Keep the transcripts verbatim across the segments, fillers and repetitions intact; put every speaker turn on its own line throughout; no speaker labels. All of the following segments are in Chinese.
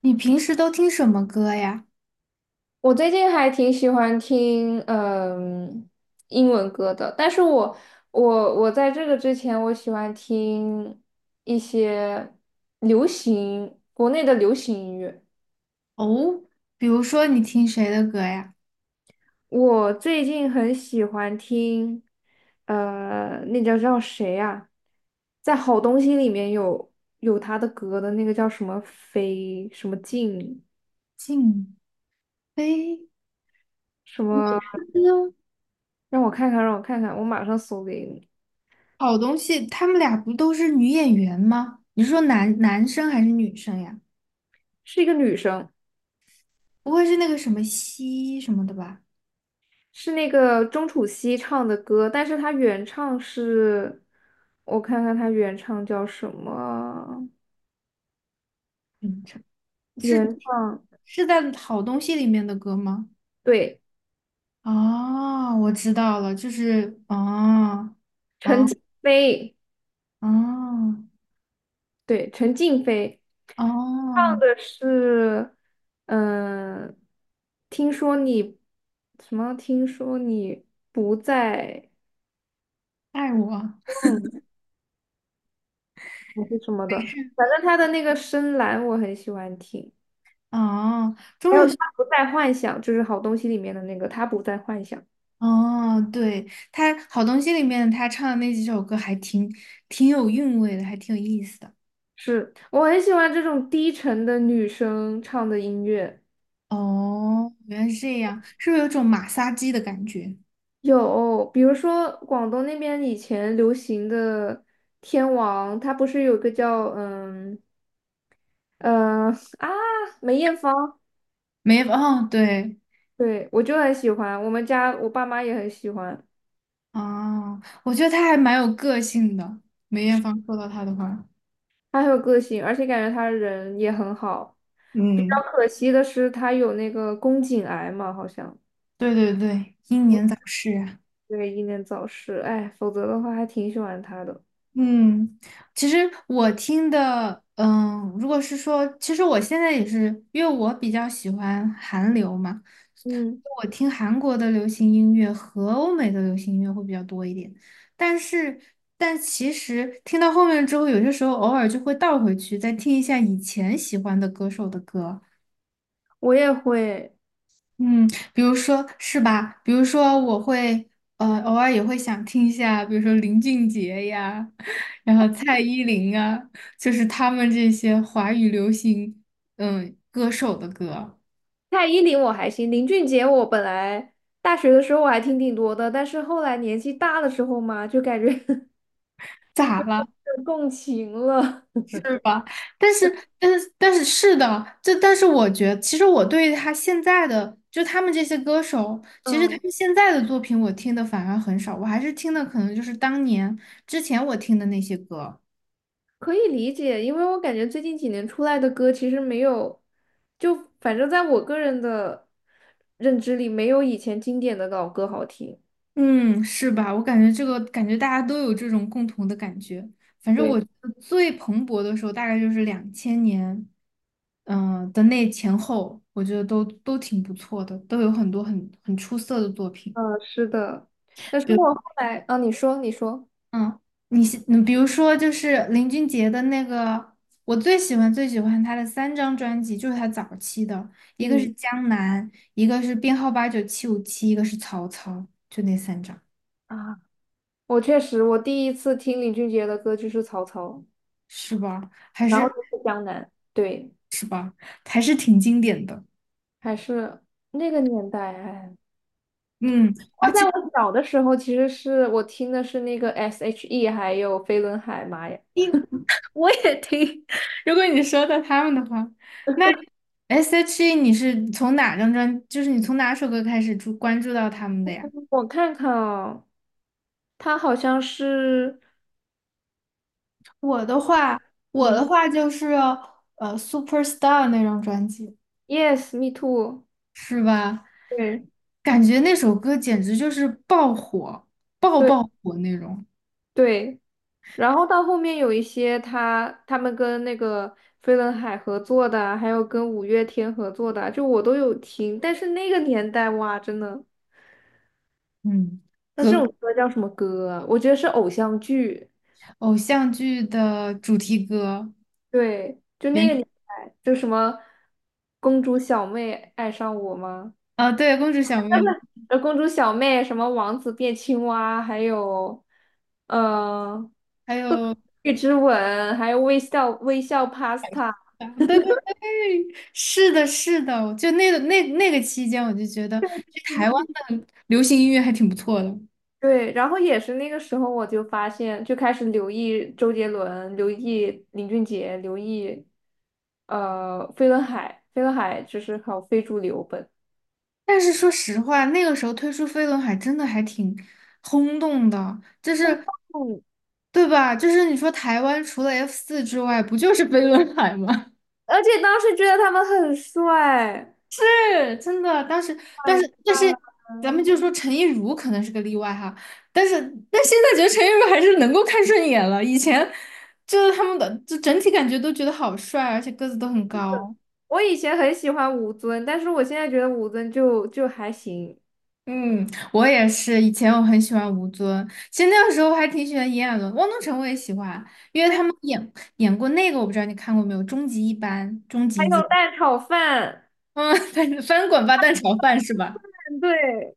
你平时都听什么歌呀？
我最近还挺喜欢听嗯英文歌的，但是我我我在这个之前，我喜欢听一些流行国内的流行音乐。
哦，比如说你听谁的歌呀？
我最近很喜欢听，呃，那叫叫谁呀，在好东西里面有有他的歌的那个叫什么飞什么静
静妃、
什么，让我看看，让我看看，我马上搜给你，
好东西，他们俩不都是女演员吗？你是说男男生还是女生呀？
是一个女生。
不会是那个什么西什么的吧？
是那个钟楚曦唱的歌，但是她原唱是，我看看她原唱叫什么？
嗯，是
原唱，
是在好东西里面的歌吗？
对，
哦，我知道了，就是哦哦
飞，
哦
对，陈静飞唱
哦，
的是，嗯、听说你什么？听说你不在，
爱我
嗯，还是什么的，反正她的那个深蓝我很喜欢听，
哦。
还有她不再幻想，就是好东西里面的那个她不再幻想。
哦，对，他好东西里面他唱的那几首歌还挺挺有韵味的，还挺有意思的。
是，我很喜欢这种低沉的女生唱的音乐。
哦，原来是这样，是不是有种马杀鸡的感觉？
有，比如说广东那边以前流行的天王，他不是有个叫嗯嗯、呃啊梅艳芳，
梅，哦，对，
对我就很喜欢，我们家我爸妈也很喜欢，
哦，我觉得他还蛮有个性的。梅艳芳说到他的话，
她很有个性，而且感觉她人也很好。比较
嗯，
可惜的是，她有那个宫颈癌嘛，好像
对对对，英年早逝啊。
对，英年早逝，哎，否则的话还挺喜欢她的。
嗯，其实我听的，嗯，如果是说，其实我现在也是，因为我比较喜欢韩流嘛，
嗯，
我听韩国的流行音乐和欧美的流行音乐会比较多一点。但是，但其实听到后面之后，有些时候偶尔就会倒回去，再听一下以前喜欢的歌手的歌。
我也会。
嗯，比如说是吧？比如说我会呃偶尔也会想听一下，比如说林俊杰呀，然后蔡依林啊，就是他们这些华语流行嗯歌手的歌，
蔡依林我还行，林俊杰我本来大学的时候我还听挺多的，但是后来年纪大的时候嘛，就感觉
咋了？
有共情了。
是吧？但是但是但是是的，这但是我觉得，其实我对他现在的就他们这些歌手，其实他
嗯，
们现在的作品我听的反而很少，我还是听的可能就是当年之前我听的那些歌。
可以理解，因为我感觉最近几年出来的歌其实没有，就反正在我个人的认知里，没有以前经典的老歌好听。
嗯，是吧？我感觉这个感觉大家都有这种共同的感觉。反正
对，
我觉得最蓬勃的时候大概就是两千年，嗯、的那前后，我觉得都都挺不错的，都有很多很很出色的作品。
嗯，是的。但
比
是
如，
我后来，啊，你说，你说。
嗯，你喜嗯，比如说就是林俊杰的那个，我最喜欢最喜欢他的三张专辑，就是他早期的，一个是
嗯
《江南》，一个是编号八九七五七，一个是《曹操》，就那三张，
啊，我确实，我第一次听林俊杰的歌就是《曹操》，
是吧？还
然后
是。
就是《江南》。对，
是吧？还是挺经典的。
还是那个年代哎。
嗯，
不
而
过在
且
我小的时候，其实是我听的是那个 S H E,还有飞轮海妈嘛。
因我也听，如果你说到他们的话，那 S.H.E 你是从哪张专，就是你从哪首歌开始注关注到他们的呀？
我看看啊，他好像是，
我的话，我的
嗯
话就是呃，Superstar 那张专辑，
，Yes, Me Too,
是吧？
对
感觉那首歌简直就是爆火，爆
对
爆火那种。
对。然后到后面有一些他他们跟那个飞轮海合作的啊，还有跟五月天合作的啊，就我都有听。但是那个年代哇，真的，
嗯，
那这
歌
种歌叫什么歌啊？我觉得是偶像剧。
偶像剧的主题歌，
对，就那
原
个年代，就什么公主小妹爱上我吗？
啊，对，公主小妹，
呃，公主小妹什么王子变青蛙，还有呃
还有
月之吻，还有微笑微笑 pasta。
对对对，是的，是的，就那个那那个期间，我就觉得就
对
台湾
对
的流行音乐还挺不错的。
对，然后也是那个时候，我就发现，就开始留意周杰伦、留意林俊杰、留意呃飞轮海。飞轮海就是好非主流本，
但是说实话，那个时候推出飞轮海真的还挺轰动的，就是
嗯
对吧？就是你说台湾除了 F 四之外，不就是飞轮海吗？
而且当时觉得他们很帅。
是真的，当时，但
My
是，但是，
God!
咱们就说陈亦儒可能是个例外哈，但是，但现在觉得陈亦儒还是能够看顺眼了。以前就是他们的，就整体感觉都觉得好帅，而且个子都很高。
我以前很喜欢吴尊，但是我现在觉得吴尊就就还行。
嗯，我也是，以前我很喜欢吴尊，其实那个时候还挺喜欢炎亚纶、汪东城，我也喜欢，因为他
喂
们演演过那个，我不知道你看过没有，《终极一班》《终
还
极一姐》，
有蛋炒饭，
嗯，正翻滚吧蛋炒饭是吧？
对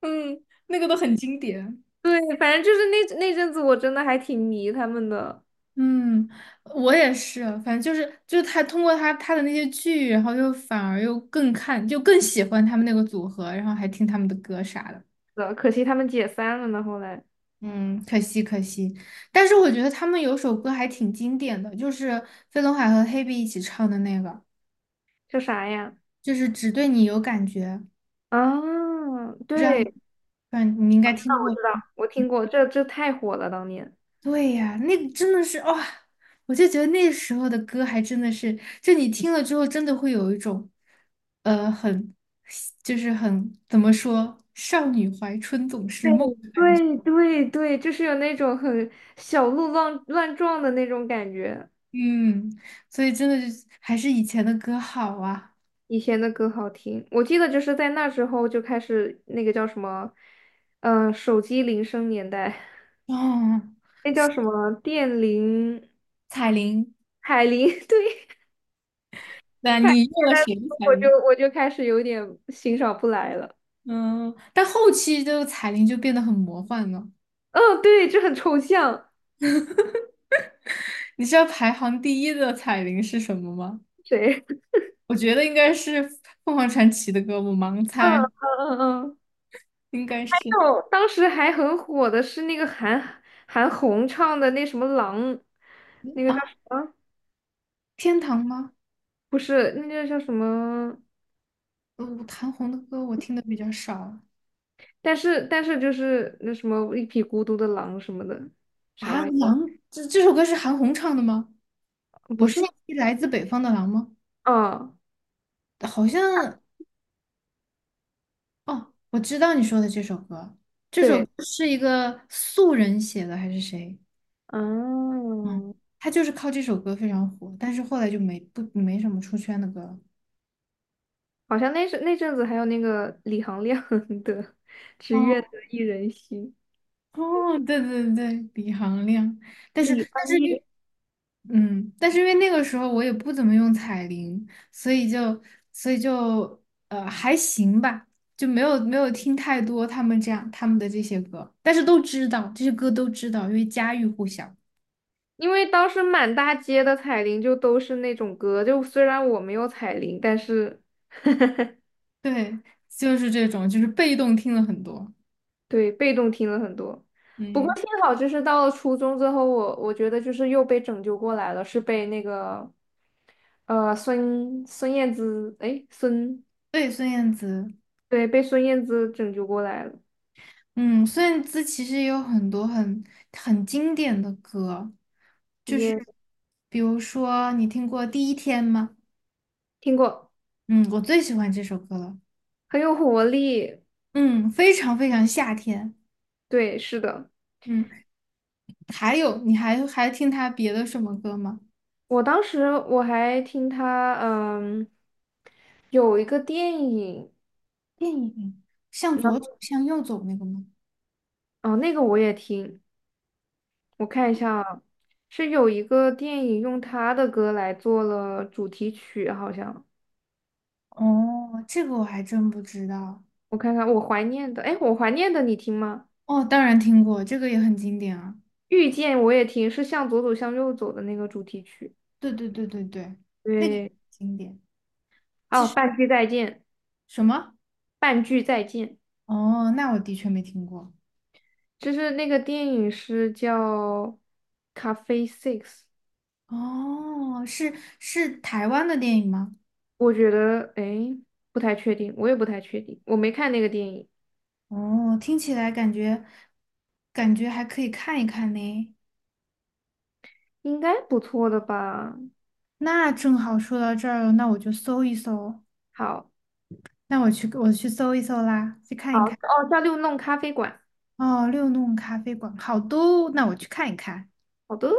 嗯，那个都很经典。
对，反正就是那那阵子我真的还挺迷他们的，
嗯，我也是，反正就是就是他通过他他的那些剧，然后又反而又更看，就更喜欢他们那个组合，然后还听他们的歌啥的。
的，可惜他们解散了呢。后来
嗯，可惜可惜，但是我觉得他们有首歌还挺经典的，就是飞轮海和黑碧一起唱的那个，
叫啥呀？
就是只对你有感觉，
啊，对，
嗯，你应该听
那我
过。
知道，我听过，这这太火了，当年。
对呀，那个真的是哇、我就觉得那时候的歌还真的是，就你听了之后，真的会有一种，呃，很，就是很，怎么说，少女怀春总是
对
梦，
对对对，就是有那种很小鹿乱乱撞的那种感觉。
嗯，所以真的就还是以前的歌好啊。
以前的歌好听，我记得就是在那时候就开始那个叫什么，嗯、手机铃声年代，
哦，
那叫什么电铃、
彩铃，
海铃，对，
那你用了谁的彩
我就
铃？
我就开始有点欣赏不来了。
嗯，但后期这个彩铃就变得很魔幻了。
嗯、对，就很抽象。
你知道排行第一的彩铃是什么吗？
谁？
我觉得应该是凤凰传奇的歌，我盲
嗯
猜。
嗯嗯嗯，
应该是
就当时还很火的是那个韩韩红唱的那什么狼，那个
啊，
叫什么？
天堂吗？
不是，那个叫什么？
呃，韩红的歌我听的比较少
但是但是就是那什么一匹孤独的狼什么的，啥
啊。
玩意？
狼，这这首歌是韩红唱的吗？
不
我
是
是
吗？
一匹来自北方的狼吗？
嗯，
好像哦，我知道你说的这首歌，这首歌
对，
是一个素人写的还是谁？嗯，
嗯，
他就是靠这首歌非常火，但是后来就没不没什么出圈的歌了
好像那是那阵子还有那个李行亮 的《只愿
哦
得一人心》，
哦，对对对，李行亮，但是
李
但
安
是因
利。
嗯，但是因为那个时候我也不怎么用彩铃，所以就所以就呃还行吧，就没有没有听太多他们这样他们的这些歌，但是都知道这些歌都知道，因为家喻户晓。
因为当时满大街的彩铃就都是那种歌，就虽然我没有彩铃，但是
对，就是这种，就是被动听了很多。
对，被动听了很多。不过
嗯，
幸好，就是到了初中之后，我我觉得就是又被拯救过来了，是被那个呃孙孙燕姿，哎，孙，
对，孙燕姿，
对，被孙燕姿拯救过来了，
嗯，孙燕姿其实也有很多很很经典的歌，就是
也
比如说你听过《第一天》吗？
听过，
嗯，我最喜欢这首歌了。
很有活力。
嗯，非常非常夏天。
对，是的，
嗯，还有，你还还听他别的什么歌吗？
我当时我还听他，嗯，有一个电影，
电影向
那
左走，向右走那个吗？
哦，那个我也听，我看一下啊，是有一个电影用他的歌来做了主题曲，好像
哦，这个我还真不知道。
我看看，我怀念的，哎，我怀念的你听吗？
哦，当然听过，这个也很经典啊。
遇见我也听，是向左走向右走的那个主题曲。
对对对对对，那个也很
对，
经典。
哦，半句再见，
什么？
半句再见，
哦，那我的确没听过。
就是那个电影是叫《咖啡 Six》,
哦，是是台湾的电影吗？
我觉得，哎，不太确定，我也不太确定，我没看那个电影，
哦，听起来感觉感觉还可以看一看呢。
应该不错的吧？
那正好说到这儿了，那我就搜一搜。
好，
那我去我去搜一搜啦，去
好，
看一看。
哦，叫六弄咖啡馆，
哦，六弄咖啡馆好多哦，那我去看一看。
好的。